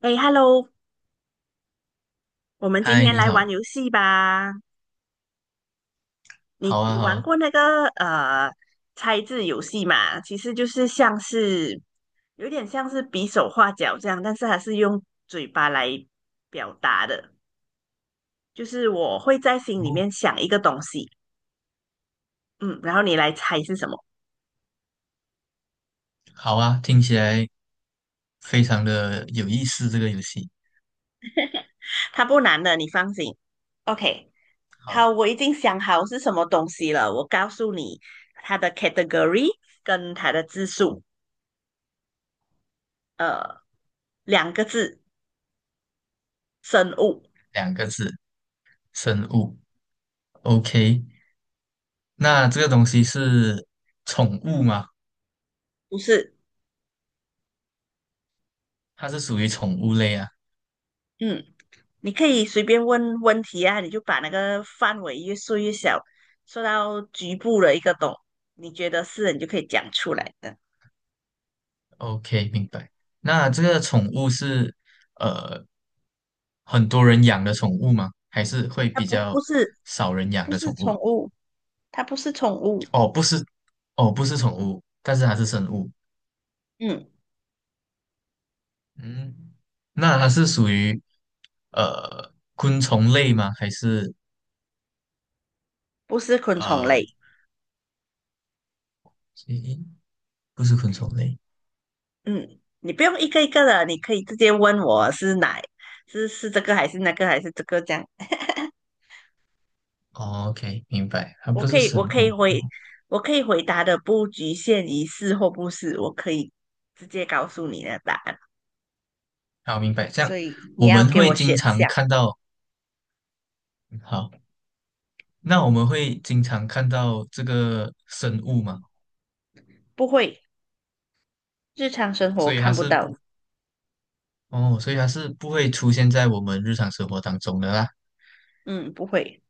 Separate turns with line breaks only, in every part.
哎，Hello，我们今
嗨，
天
你
来
好，
玩游戏吧。你
好啊，
你
好
玩
啊，
过那个猜字游戏嘛？其实就是像是有点像是比手画脚这样，但是还是用嘴巴来表达的。就是我会在心里
哦，
面想一个东西，嗯，然后你来猜是什么。
好啊，听起来非常的有意思，这个游戏。
它不难的，你放心。OK，
好，
好，我已经想好是什么东西了。我告诉你它的 category 跟它的字数，呃，2个字。生物，
两个字，生物。OK，那这个东西是宠物吗？
不是，
它是属于宠物类啊。
嗯，你可以随便问问题啊，你就把那个范围越缩越小，缩到局部的一个懂，你觉得是，你就可以讲出来的。
OK，明白。那这个宠物是呃很多人养的宠物吗？还是会
它
比
不
较
不是
少人养
不
的
是
宠
宠
物？
物，它不是宠物，
哦，不是，哦，不是宠物，但是它是
嗯
生物。
嗯，
嗯，那它是属于昆虫类吗？还是
不是昆虫
呃，
类，
诶，不是昆虫类。
嗯，你不用一个一个的，你可以直接问我是哪，是这个还是那个还是这个这样，
哦 OK，明白，它
我
不
可
是
以我
生
可以
物。然
回
后，
我可以回答的不局限于是或不是，我可以直接告诉你的答案。
好，明白。这
所
样
以你
我
要
们
给
会
我
经
选
常
项，
看到，好，那我们会经常看到这个生物嘛？
不会，日常生
所
活
以它
看不
是
到，
不，哦，所以它是不会出现在我们日常生活当中的啦。
嗯，不会，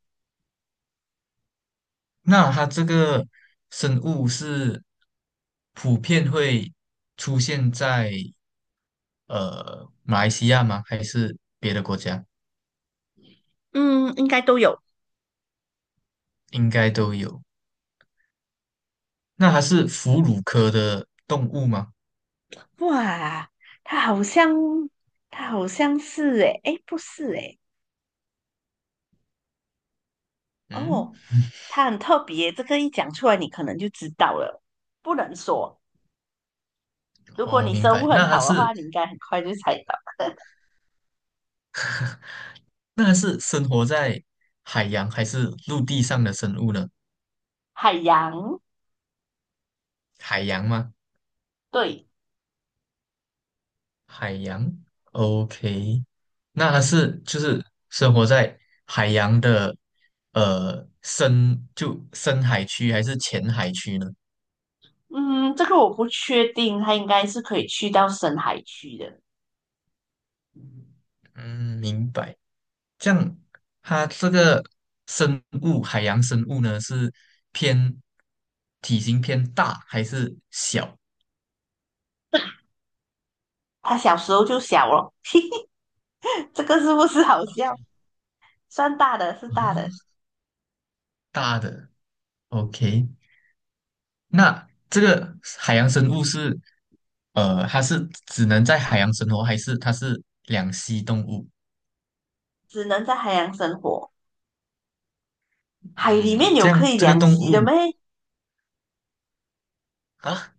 那它这个生物是普遍会出现在。马来西亚吗？还是别的国家？
嗯，应该都有。
应该都有。那它是哺乳科的动物吗？
哇，它好像，它好像是诶，诶，不是诶，
嗯，
哦，它很特别，这个一讲出来你可能就知道了，不能说。如果
哦，
你
明
生物
白。
很好的话，你应该很快就猜到。
那它是生活在海洋还是陆地上的生物呢？
海洋，
海洋吗？
对，
海洋，OK。那它是就是生活在海洋的深海区还是浅海区呢？
嗯，这个我不确定，它应该是可以去到深海区的。
嗯，明白。这样，它这个生物，海洋生物呢，是偏体型偏大还是小？
它小时候就小了，这个是不是好笑？算大的，是大的，
啊，大的。OK，那这个海洋生物是，呃，它是只能在海洋生活，还是它是两栖动物？
只能在海洋生活。海里
嗯，
面有可以凉席的咩？
啊，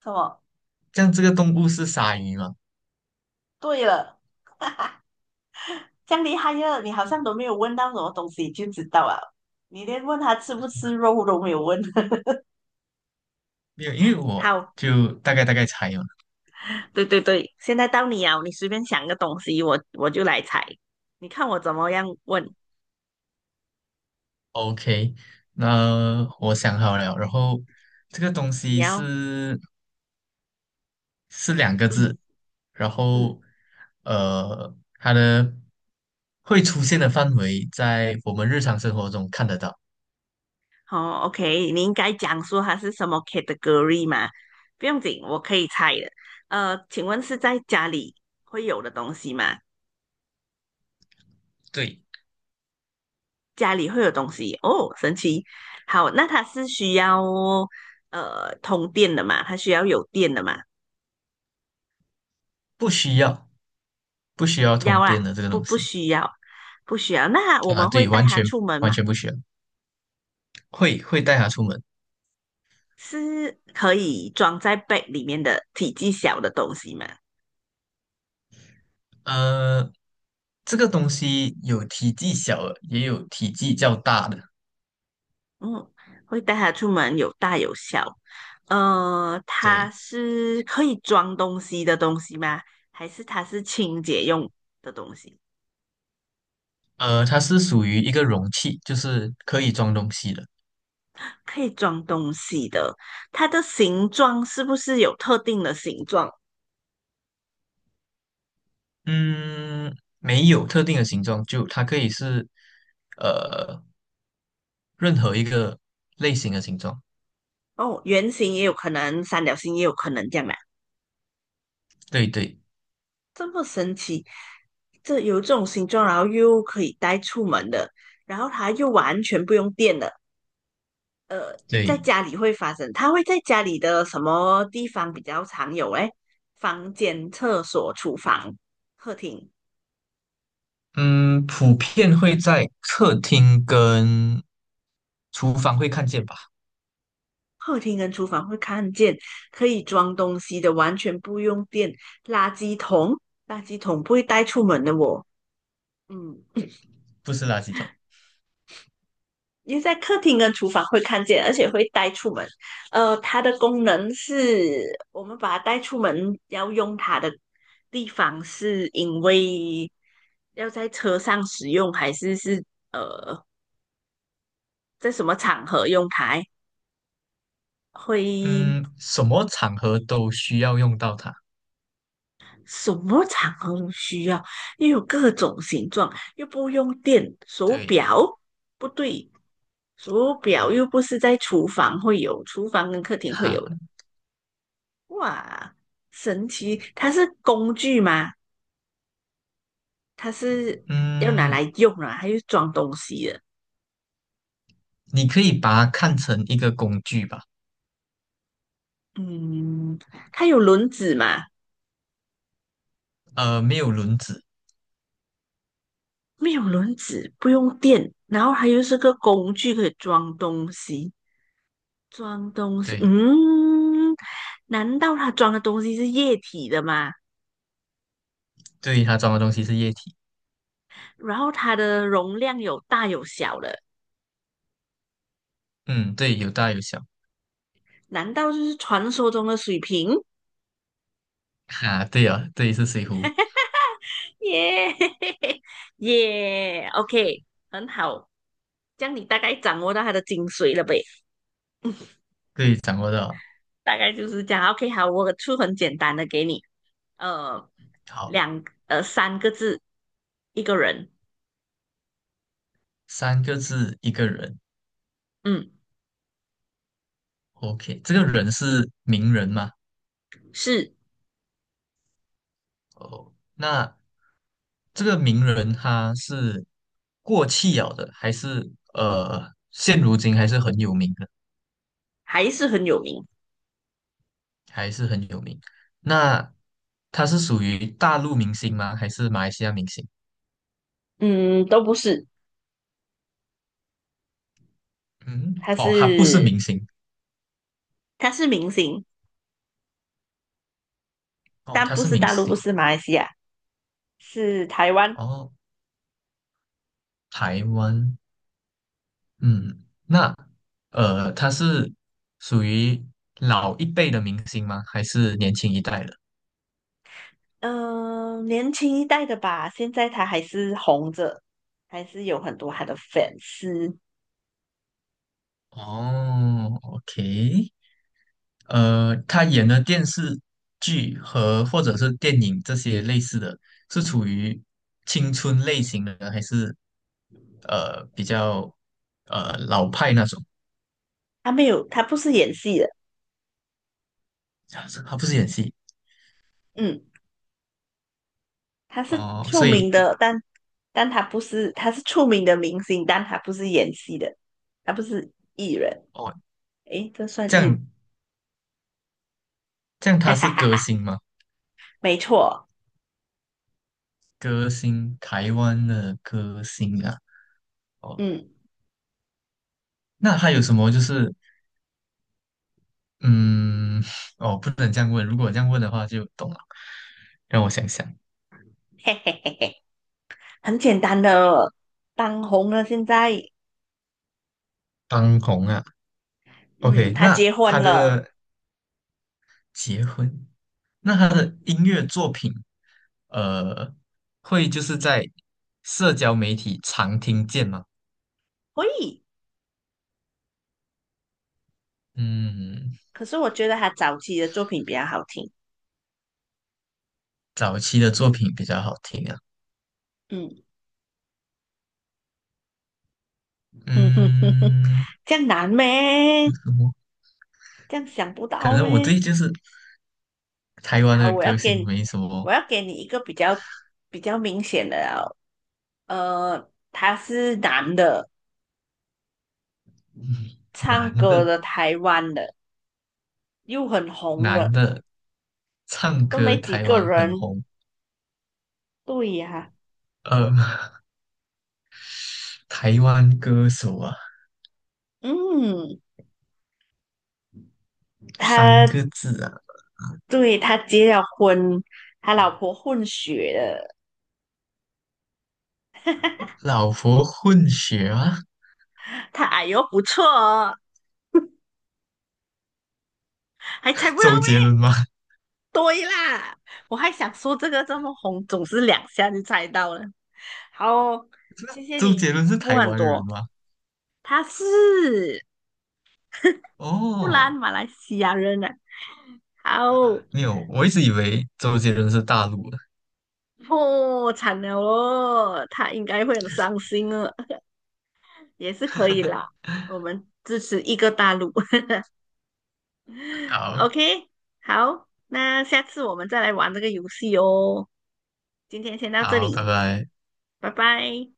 什么？
这样这个动物是鲨鱼吗？
对了，这样厉害呀！你好像都没有问到什么东西就知道了，你连问他吃不吃肉都没有问。
没有，因为我
好，
就大概猜哦。
对对对，现在到你啊，你随便想个东西，我就来猜，你看我怎么样问？
OK，那我想好了，然后这个东
你
西
要，
是是两个
嗯
字，然
嗯，
后它的会出现的范围在我们日常生活中看得到，
好，OK，你应该讲说它是什么 category 嘛？不用紧，我可以猜的。请问是在家里会有的东西吗？
对，
家里会有东西哦，神奇。好，那它是需要通电的嘛？它需要有电的嘛？
不需要不需要
要
通
啦，
电的这个
不
东
不
西
需要，不需要。那我
啊，
们会
对，
带它出门
完
嘛？
全不需要，会带它出门，
是可以装在 b 里面的体积小的东西嘛？
呃，这个东西有体积小的，也有体积较大的，
嗯，会带它出门，有大有小。它
对。
是可以装东西的东西吗？还是它是清洁用的东西？
呃，它是属于一个容器，就是可以装东西的。
可以装东西的，它的形状是不是有特定的形状？
嗯，没有特定的形状，就它可以是呃任何一个类型的形状。
哦，圆形也有可能，三角形也有可能，这样的，
对对
这么神奇，这有这种形状，然后又可以带出门的，然后它又完全不用电的。在
对，
家里会发生，它会在家里的什么地方比较常有？哎，房间、厕所、厨房、客厅，
嗯，普遍会在客厅跟厨房会看见吧？
客厅跟厨房会看见可以装东西的，完全不用电，垃圾桶，垃圾桶不会带出门的我，嗯，
不是垃圾桶。
因为在客厅跟厨房会看见，而且会带出门。它的功能是我们把它带出门要用它的地方，是因为要在车上使用，还是呃在什么场合用它？会
嗯，什么场合都需要用到它。
什么场合都需要，又有各种形状，又不用电。手
对，
表不对，手表又不是在厨房会有，厨房跟客厅会
哈，
有的。哇，神奇！它是工具吗？它是要拿
嗯，
来用啊，它又装东西的。
你可以把它看成一个工具吧。
嗯，它有轮子吗？
呃，没有轮子。
没有轮子，不用电，然后它又是个工具可以装东西，装东西。
对。
嗯。难道它装的东西是液体的吗？
对，它装的东西是液体。
然后它的容量有大有小的，
嗯，对，有大有小。
难道就是传说中的水瓶？
哈、对啊，对，是水壶。
耶 耶，OK，很好，这样你大概掌握到它的精髓了呗，
对，掌握到了
大概就是这样。OK，好，我出很简单的给你，呃，
好，
3个字，一个人，
三个字，一个人。
嗯，
OK，这个人是名人吗？
是
哦，那这个名人他是过气了的，还是现如今还是很有名的，
还是很有名，
还是很有名。那他是属于大陆明星吗？还是马来西亚明星？
嗯，都不是，
嗯，
他
哦，他不是
是
明星，
他是明星，
哦，
但
他
不
是
是
明
大陆，不
星。
是马来西亚。是台湾，
哦，台湾，嗯，那他是属于老一辈的明星吗？还是年轻一代的？
嗯、年轻一代的吧，现在他还是红着，还是有很多他的粉丝。
哦，OK，呃，他演的电视剧和或者是电影这些类似的，是处于青春类型的，还是呃比较呃老派那种？
他没有，他不是演戏的，
啊他不是演戏
嗯，他是
哦，
出
所以
名的，但他不是，他是出名的明星，但他不是演戏的，他不是艺人。
哦，
诶，这算
这
艺人？
样这样
哈
他
哈
是
哈
歌
哈，
星吗？
没错，
歌星，台湾的歌星啊。哦，
嗯，
那还有什么就是，嗯，哦，不能这样问。如果这样问的话，就懂了。让我想想，
嘿嘿嘿嘿，很简单的，当红了现在，
当红啊
嗯，
，OK，
他结
那他
婚了，
的结婚，那他的音乐作品，呃，会就是在社交媒体常听见吗？
可以。
嗯，
可是我觉得他早期的作品比较好听。
早期的作品比较好听啊。
嗯嗯哼哼哼，
嗯，
这样难咩？
有什么？
这样想不
可
到
能我
咩？
对就是台湾
好，
的
我
歌
要给
星
你
没什
我
么
要给你一个比较明显的哦，他是男的，唱
难
歌
的，
的，台湾的，又很红
男
的，
的唱
都
歌，
没几
台
个
湾很
人。
红。
对呀、
呃，台湾歌手啊，
嗯，
三
他
个字啊，
对他结了婚，他老婆混血的，
老婆混血啊，
他矮呦不错哦，还猜 不到
周杰伦吗？
对啦，我还想说这个这么红，总是两下就猜到了。好，谢 谢
周杰
你
伦是
进步
台
很
湾人
多。
吗？
他是布兰
哦，
马来西亚人啊。好，
没有，我一直以为周杰伦是大陆的。
破产了哦，他应该会很伤心哦，也是可以啦。我们支持一个大陆。
好，
OK，好，那下次我们再来玩这个游戏哦。今天先到这
好，拜
里，
拜。
拜拜。